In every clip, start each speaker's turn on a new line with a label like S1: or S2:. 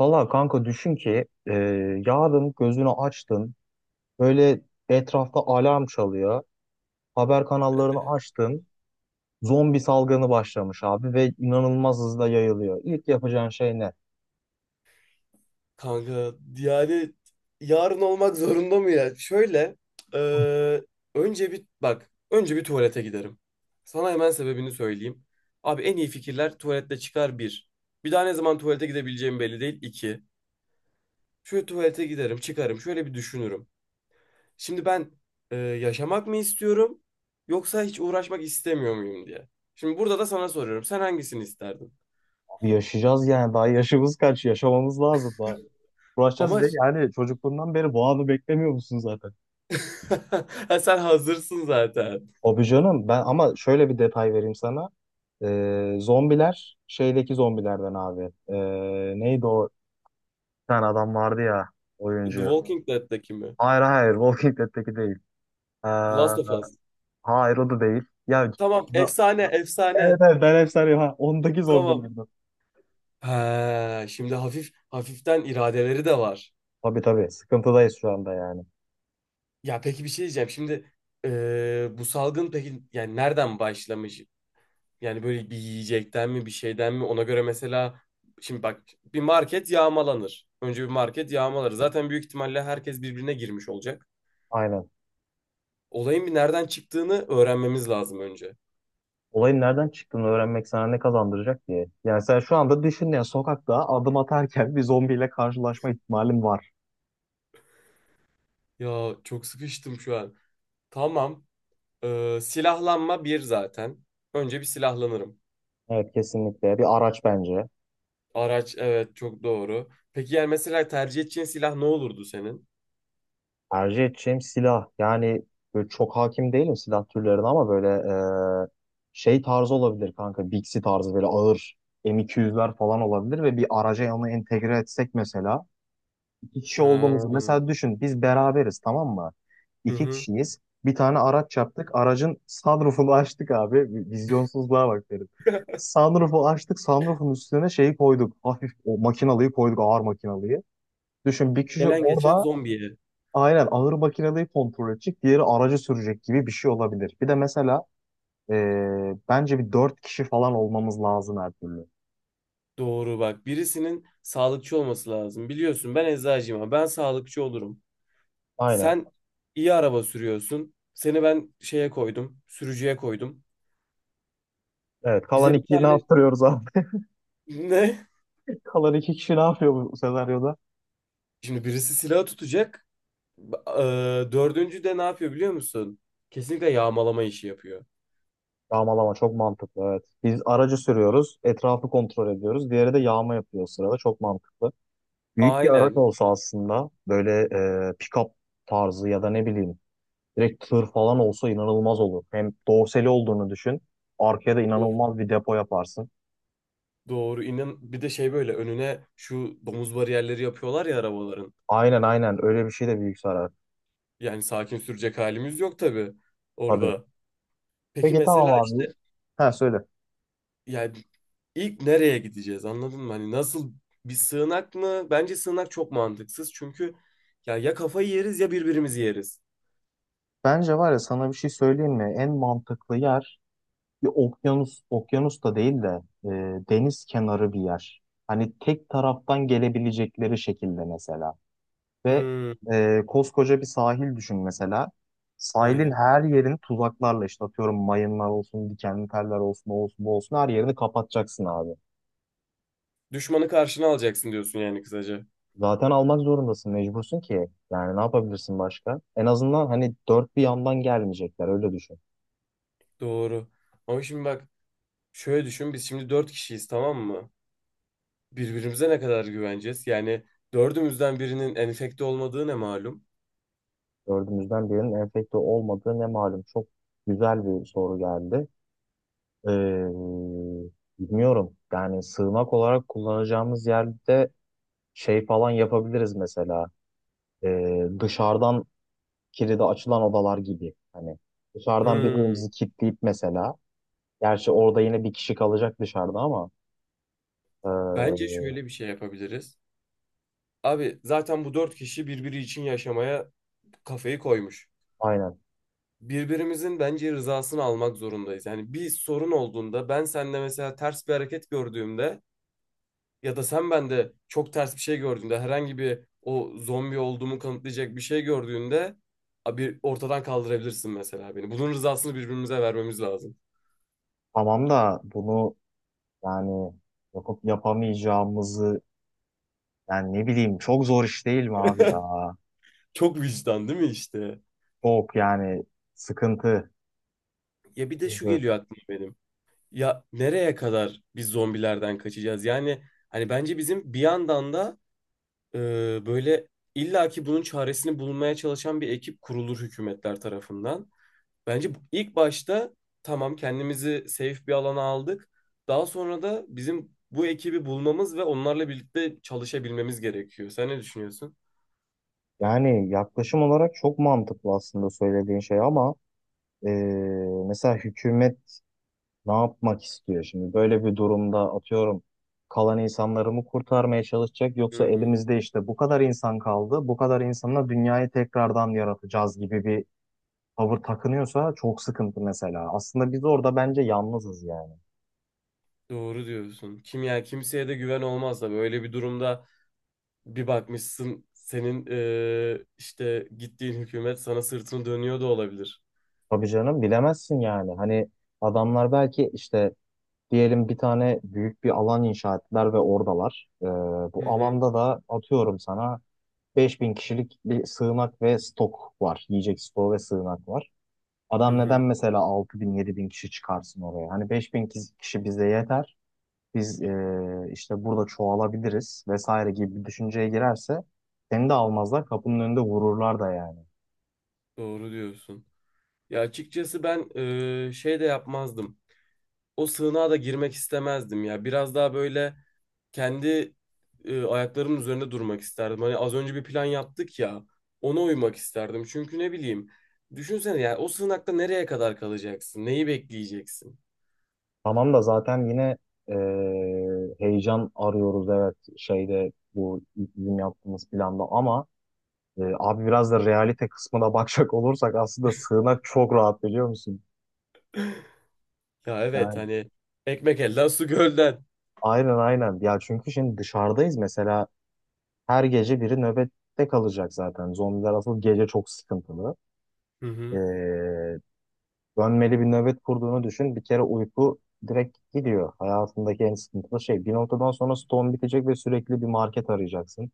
S1: Valla kanka düşün ki yarın gözünü açtın böyle etrafta alarm çalıyor. Haber kanallarını açtın. Zombi salgını başlamış abi ve inanılmaz hızla yayılıyor. İlk yapacağın şey ne?
S2: Kanka yani yarın olmak zorunda mı ya? Şöyle e, önce bir bak, önce bir tuvalete giderim. Sana hemen sebebini söyleyeyim. Abi en iyi fikirler tuvalette çıkar bir. Bir daha ne zaman tuvalete gidebileceğim belli değil iki. Şöyle tuvalete giderim, çıkarım, şöyle bir düşünürüm. Şimdi ben yaşamak mı istiyorum yoksa hiç uğraşmak istemiyor muyum diye. Şimdi burada da sana soruyorum. Sen hangisini isterdin?
S1: Abi yaşayacağız yani daha yaşımız kaç yaşamamız lazım daha. Uğraşacağız
S2: Ama
S1: ve yani çocukluğundan beri bu anı beklemiyor musun zaten?
S2: Ha, sen hazırsın zaten.
S1: Abi canım ben ama şöyle bir detay vereyim sana. Zombiler şeydeki zombilerden abi. Neydi o? Bir tane adam vardı ya,
S2: The
S1: oyuncu.
S2: Walking Dead'deki mi?
S1: Hayır hayır, Walking Dead'teki değil. Ee,
S2: The Last of Us.
S1: hayır o da değil. Ya,
S2: Tamam,
S1: Na-
S2: efsane,
S1: evet
S2: efsane.
S1: evet, ben hep sarıyorum ha. Ondaki
S2: Tamam.
S1: zombilerden.
S2: Ha, şimdi hafif hafiften iradeleri de var.
S1: Tabii tabii, sıkıntıdayız şu anda yani.
S2: Ya peki, bir şey diyeceğim. Şimdi bu salgın peki yani nereden başlamış? Yani böyle bir yiyecekten mi, bir şeyden mi, ona göre mesela. Şimdi bak, bir market yağmalanır. Önce bir market yağmalar. Zaten büyük ihtimalle herkes birbirine girmiş olacak.
S1: Aynen.
S2: Olayın bir nereden çıktığını öğrenmemiz lazım önce.
S1: Olayın nereden çıktığını öğrenmek sana ne kazandıracak diye. Yani sen şu anda düşün ya, sokakta adım atarken bir zombiyle karşılaşma ihtimalin var.
S2: Ya çok sıkıştım şu an. Tamam. Silahlanma bir zaten. Önce bir silahlanırım.
S1: Evet, kesinlikle. Bir araç bence.
S2: Araç, evet, çok doğru. Peki yani mesela tercih edeceğin silah ne olurdu senin?
S1: Tercih edeceğim silah. Yani böyle çok hakim değilim silah türlerine ama böyle e, şey tarzı olabilir kanka. Bixi tarzı, böyle ağır M200'ler falan olabilir ve bir araca onu entegre etsek mesela. İki kişi olduğumuzu
S2: Ha.
S1: mesela düşün, biz beraberiz, tamam mı?
S2: Hı
S1: İki
S2: hı.
S1: kişiyiz. Bir tane araç yaptık. Aracın sunroofunu açtık abi. Vizyonsuzluğa bak derim. Sunroofu açtık. Sunroofun üstüne şeyi koyduk. Hafif o makinalıyı koyduk. Ağır makinalıyı. Düşün bir kişi
S2: Gelen geçen
S1: orada.
S2: zombiye.
S1: Aynen, ağır makineyi kontrol edecek, diğeri aracı sürecek gibi bir şey olabilir. Bir de mesela bence bir dört kişi falan olmamız lazım her türlü.
S2: Doğru bak. Birisinin sağlıkçı olması lazım. Biliyorsun ben eczacıyım ama ben sağlıkçı olurum.
S1: Aynen.
S2: Sen iyi araba sürüyorsun. Seni ben şeye koydum. Sürücüye koydum.
S1: Evet. Kalan
S2: Bize bir
S1: iki ne
S2: tane
S1: yaptırıyoruz abi?
S2: ne?
S1: Kalan iki kişi ne yapıyor bu senaryoda?
S2: Şimdi birisi silah tutacak. Ba- dördüncü de ne yapıyor biliyor musun? Kesinlikle yağmalama işi yapıyor.
S1: Yağmalama çok mantıklı, evet. Biz aracı sürüyoruz, etrafı kontrol ediyoruz. Diğeri de yağma yapıyor o sırada. Çok mantıklı. Büyük bir araç
S2: Aynen.
S1: olsa aslında, böyle pick-up tarzı ya da ne bileyim direkt tır falan olsa inanılmaz olur. Hem dorsali olduğunu düşün. Arkaya da
S2: Of,
S1: inanılmaz bir depo yaparsın.
S2: doğru. İnan bir de şey, böyle önüne şu domuz bariyerleri yapıyorlar ya arabaların.
S1: Aynen aynen, öyle bir şey de büyük zarar.
S2: Yani sakin sürecek halimiz yok tabii
S1: Tabii.
S2: orada. Peki
S1: Peki tamam
S2: mesela
S1: abi.
S2: işte,
S1: Ha, söyle.
S2: yani ilk nereye gideceğiz, anladın mı? Hani nasıl, bir sığınak mı? Bence sığınak çok mantıksız çünkü ya ya kafayı yeriz ya birbirimizi yeriz.
S1: Bence var ya, sana bir şey söyleyeyim mi? En mantıklı yer bir okyanus, okyanus da değil de e, deniz kenarı bir yer. Hani tek taraftan gelebilecekleri şekilde mesela. Ve
S2: Hmm,
S1: koskoca bir sahil düşün mesela. Sahilin
S2: aynen.
S1: her yerini tuzaklarla, işte atıyorum, mayınlar olsun, dikenli teller olsun, o olsun, bu olsun, her yerini kapatacaksın abi.
S2: Düşmanı karşına alacaksın diyorsun yani kısaca.
S1: Zaten almak zorundasın, mecbursun ki. Yani ne yapabilirsin başka? En azından hani dört bir yandan gelmeyecekler, öyle düşün.
S2: Doğru. Ama şimdi bak, şöyle düşün, biz şimdi dört kişiyiz tamam mı? Birbirimize ne kadar güveneceğiz? Yani dördümüzden birinin enfekte olmadığı ne malum?
S1: Dördümüzden birinin enfekte olmadığı ne malum. Çok güzel bir soru geldi. Ee, Bilmiyorum. Yani sığınak olarak kullanacağımız yerde şey falan yapabiliriz mesela. Dışarıdan kilidi açılan odalar gibi. Hani dışarıdan
S2: Hmm,
S1: birbirimizi kilitleyip mesela. Gerçi orada yine bir kişi kalacak dışarıda ama.
S2: bence
S1: ee,
S2: şöyle bir şey yapabiliriz. Abi zaten bu dört kişi birbiri için yaşamaya kafayı koymuş.
S1: aynen.
S2: Birbirimizin bence rızasını almak zorundayız. Yani bir sorun olduğunda, ben sende mesela ters bir hareket gördüğümde ya da sen bende çok ters bir şey gördüğünde, herhangi bir o zombi olduğumu kanıtlayacak bir şey gördüğünde, abi ortadan kaldırabilirsin mesela beni. Bunun rızasını birbirimize vermemiz lazım.
S1: Tamam da bunu, yani yapıp yapamayacağımızı, Yani ne bileyim, çok zor iş değil mi abi ya?
S2: Çok vicdan değil mi işte?
S1: Çok yani, sıkıntı.
S2: Ya bir de şu
S1: Sıkıntı.
S2: geliyor aklıma benim. Ya nereye kadar biz zombilerden kaçacağız? Yani hani bence bizim bir yandan da e, böyle illaki bunun çaresini bulmaya çalışan bir ekip kurulur hükümetler tarafından. Bence ilk başta tamam kendimizi safe bir alana aldık. Daha sonra da bizim bu ekibi bulmamız ve onlarla birlikte çalışabilmemiz gerekiyor. Sen ne düşünüyorsun?
S1: Yani yaklaşım olarak çok mantıklı aslında söylediğin şey ama eee, mesela hükümet ne yapmak istiyor şimdi? Böyle bir durumda atıyorum, kalan insanları mı kurtarmaya çalışacak, yoksa
S2: Hmm,
S1: elimizde işte bu kadar insan kaldı, bu kadar insanla dünyayı tekrardan yaratacağız gibi bir tavır takınıyorsa çok sıkıntı mesela. Aslında biz orada bence yalnızız yani.
S2: doğru diyorsun. Kim, ya kimseye de güven olmaz da böyle bir durumda bir bakmışsın senin işte gittiğin hükümet sana sırtını dönüyor da olabilir.
S1: Tabii canım, bilemezsin yani. Hani adamlar belki işte, diyelim bir tane büyük bir alan inşa ettiler ve oradalar.
S2: Hı
S1: Bu
S2: hı.
S1: alanda da atıyorum sana 5.000 kişilik bir sığınak ve stok var. Yiyecek stoğu ve sığınak var.
S2: Hı
S1: Adam neden
S2: hı.
S1: mesela 6000 bin kişi çıkarsın oraya? Hani 5000 kişi bize yeter. Biz işte burada çoğalabiliriz vesaire gibi bir düşünceye girerse seni de almazlar, kapının önünde vururlar da yani.
S2: Doğru diyorsun. Ya açıkçası ben şey de yapmazdım. O sığınağa da girmek istemezdim ya. Biraz daha böyle kendi ayaklarımın üzerinde durmak isterdim. Hani az önce bir plan yaptık ya. Ona uymak isterdim. Çünkü ne bileyim. Düşünsene ya, o sığınakta nereye kadar kalacaksın? Neyi bekleyeceksin?
S1: Tamam da zaten yine e, heyecan arıyoruz evet, şeyde bu bizim yaptığımız planda, ama abi biraz da realite kısmına bakacak olursak aslında sığınak çok rahat biliyor musun?
S2: Ya evet,
S1: Yani
S2: hani ekmek elden su gölden.
S1: aynen aynen ya, çünkü şimdi dışarıdayız mesela, her gece biri nöbette kalacak, zaten zombiler asıl gece çok sıkıntılı.
S2: Hı
S1: E,
S2: hı,
S1: Dönmeli bir nöbet kurduğunu düşün bir kere, uyku direkt gidiyor, hayatındaki en sıkıntılı şey. Bir noktadan sonra stone bitecek ve sürekli bir market arayacaksın.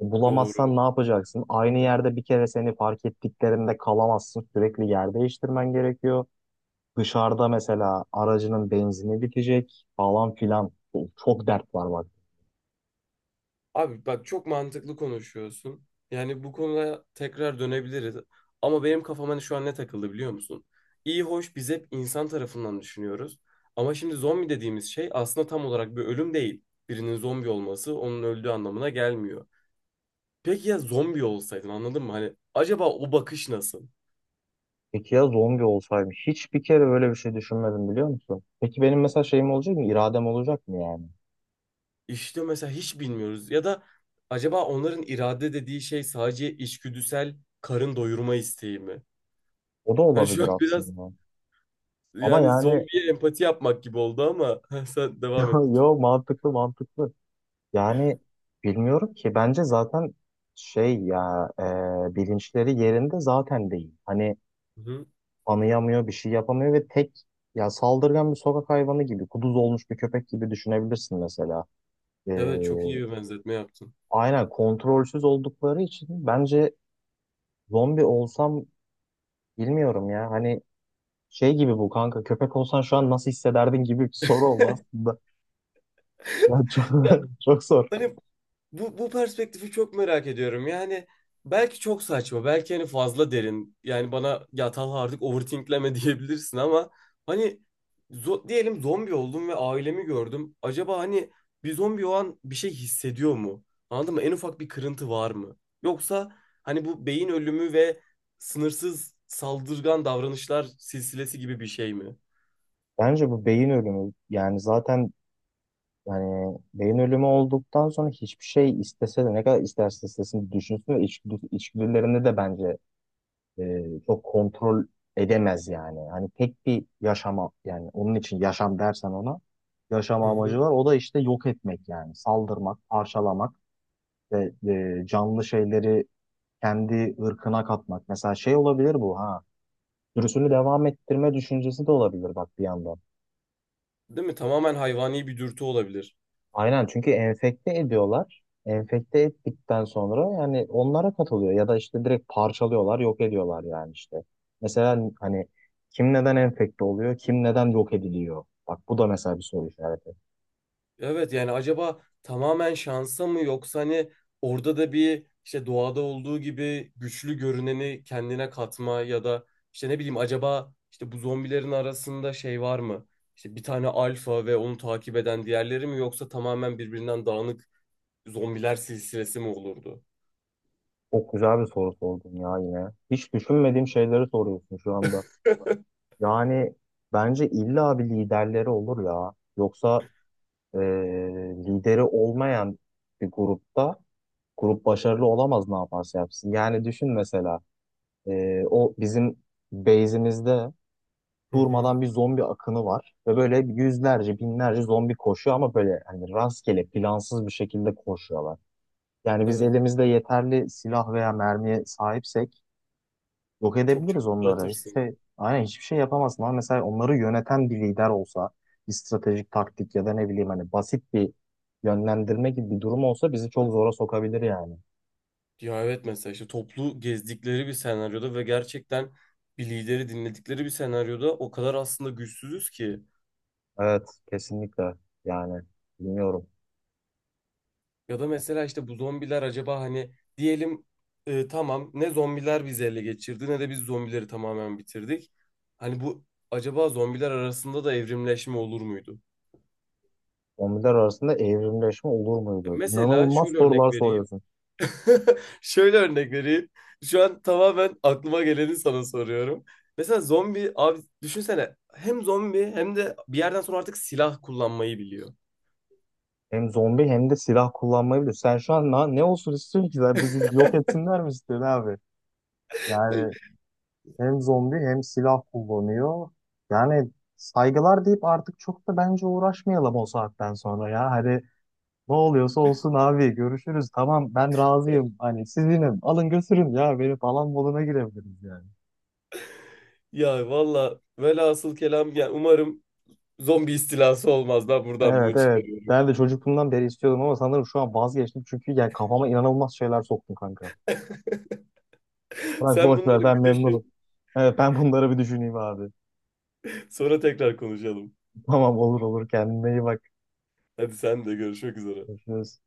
S1: Bulamazsan ne
S2: doğru.
S1: yapacaksın? Aynı yerde bir kere seni fark ettiklerinde kalamazsın. Sürekli yer değiştirmen gerekiyor. Dışarıda mesela aracının benzini bitecek falan filan. Çok dert var bak.
S2: Abi bak, çok mantıklı konuşuyorsun. Yani bu konuya tekrar dönebiliriz. Ama benim kafam hani şu an ne takıldı biliyor musun? İyi hoş, biz hep insan tarafından düşünüyoruz. Ama şimdi zombi dediğimiz şey aslında tam olarak bir ölüm değil. Birinin zombi olması onun öldüğü anlamına gelmiyor. Peki ya zombi olsaydın, anladın mı? Hani acaba o bakış nasıl?
S1: Peki ya zombi olsaydım? Hiç bir kere böyle bir şey düşünmedim biliyor musun? Peki benim mesela şeyim olacak mı? İradem olacak mı yani?
S2: İşte mesela hiç bilmiyoruz. Ya da acaba onların irade dediği şey sadece içgüdüsel karın doyurma isteği mi?
S1: O da
S2: Hani şu
S1: olabilir
S2: an biraz,
S1: aslında. Ama
S2: yani
S1: yani
S2: zombiye empati yapmak gibi oldu ama sen
S1: yo,
S2: devam et
S1: yo,
S2: lütfen.
S1: mantıklı mantıklı. Yani bilmiyorum ki, bence zaten şey ya, bilinçleri yerinde zaten değil. Hani
S2: Hı hı.
S1: anıyamıyor, bir şey yapamıyor ve tek, ya saldırgan bir sokak hayvanı gibi, kuduz olmuş bir köpek gibi düşünebilirsin mesela. Ee,
S2: Evet, çok iyi bir benzetme yaptın.
S1: aynen, kontrolsüz oldukları için bence zombi olsam bilmiyorum ya. Hani şey gibi, bu kanka, köpek olsan şu an nasıl hissederdin gibi bir soru oldu aslında. Ya çok,
S2: Ya,
S1: çok zor.
S2: hani bu, bu perspektifi çok merak ediyorum. Yani belki çok saçma, belki hani fazla derin. Yani bana ya Talha artık overthinkleme diyebilirsin ama hani, diyelim zombi oldum ve ailemi gördüm. Acaba hani bir zombi o an bir şey hissediyor mu? Anladın mı? En ufak bir kırıntı var mı? Yoksa hani bu beyin ölümü ve sınırsız saldırgan davranışlar silsilesi gibi bir şey mi?
S1: Bence bu beyin ölümü, yani zaten yani beyin ölümü olduktan sonra hiçbir şey, istese de ne kadar isterse istesin düşünsün, ve içgüdülerini de bence çok kontrol edemez yani. Hani tek bir yaşama, yani onun için yaşam dersen ona, yaşama
S2: Hı
S1: amacı
S2: hı.
S1: var. O da işte yok etmek, yani saldırmak, parçalamak ve canlı şeyleri kendi ırkına katmak. Mesela şey olabilir bu ha. Sürüsünü devam ettirme düşüncesi de olabilir bak bir yandan.
S2: Değil mi? Tamamen hayvani bir dürtü olabilir.
S1: Aynen, çünkü enfekte ediyorlar. Enfekte ettikten sonra yani onlara katılıyor ya da işte direkt parçalıyorlar, yok ediyorlar yani işte. Mesela hani kim neden enfekte oluyor, kim neden yok ediliyor? Bak bu da mesela bir soru işareti.
S2: Evet yani acaba tamamen şansa mı, yoksa hani orada da bir işte doğada olduğu gibi güçlü görüneni kendine katma ya da işte ne bileyim, acaba işte bu zombilerin arasında şey var mı? İşte bir tane alfa ve onu takip eden diğerleri mi, yoksa tamamen birbirinden dağınık zombiler silsilesi mi olurdu?
S1: Çok güzel bir soru sordun ya yine. Hiç düşünmediğim şeyleri soruyorsun şu anda. Yani bence illa bir liderleri olur ya. Yoksa eee, lideri olmayan bir grupta grup başarılı olamaz ne yaparsa yapsın. Yani düşün mesela. O bizim base'imizde
S2: Hı hı.
S1: durmadan bir zombi akını var. Ve böyle yüzlerce, binlerce zombi koşuyor ama böyle hani rastgele, plansız bir şekilde koşuyorlar. Yani biz
S2: Evet.
S1: elimizde yeterli silah veya mermiye sahipsek yok
S2: Çok
S1: edebiliriz
S2: çabuk
S1: onları. Hiçbir
S2: dağıtırsın.
S1: şey, aynen, hiçbir şey yapamazsın. Ama mesela onları yöneten bir lider olsa, bir stratejik taktik ya da ne bileyim hani basit bir yönlendirme gibi bir durum olsa bizi çok zora sokabilir yani.
S2: Ya evet, mesela işte toplu gezdikleri bir senaryoda ve gerçekten bir lideri dinledikleri bir senaryoda o kadar aslında güçsüzüz ki.
S1: Evet, kesinlikle. Yani bilmiyorum.
S2: Ya da mesela işte bu zombiler acaba hani diyelim tamam ne zombiler bizi ele geçirdi ne de biz zombileri tamamen bitirdik. Hani bu, acaba zombiler arasında da evrimleşme olur muydu?
S1: Zombiler arasında evrimleşme olur muydu?
S2: Mesela
S1: İnanılmaz
S2: şöyle örnek
S1: sorular
S2: vereyim.
S1: soruyorsun.
S2: Şöyle örnek vereyim. Şu an tamamen aklıma geleni sana soruyorum. Mesela zombi abi düşünsene, hem zombi hem de bir yerden sonra artık silah kullanmayı biliyor.
S1: Hem zombi hem de silah kullanmayı biliyor. Sen şu an ne olsun istiyorsun ki? Sen bizi yok etsinler mi istiyorsun abi?
S2: Ay,
S1: Yani hem zombi hem silah kullanıyor. Yani saygılar deyip artık çok da bence uğraşmayalım o saatten sonra ya. Hani ne oluyorsa olsun abi, görüşürüz. Tamam, ben razıyım. Hani sizinim. Alın götürün ya. Beni falan moduna girebiliriz yani.
S2: ya valla velhasıl kelam, yani umarım zombi istilası olmaz. Ben buradan
S1: Evet
S2: bunu
S1: evet.
S2: çıkarıyorum.
S1: Ben de çocukluğumdan beri istiyordum ama sanırım şu an vazgeçtim. Çünkü yani kafama inanılmaz şeyler soktun kanka. Bırak,
S2: Sen
S1: boş
S2: bunları
S1: ver, ben
S2: bir
S1: memnunum.
S2: düşün.
S1: Evet, ben bunları bir düşüneyim abi.
S2: Sonra tekrar konuşalım.
S1: Tamam, olur olur, kendine iyi bak.
S2: Hadi sen de, görüşmek üzere.
S1: Görüşürüz.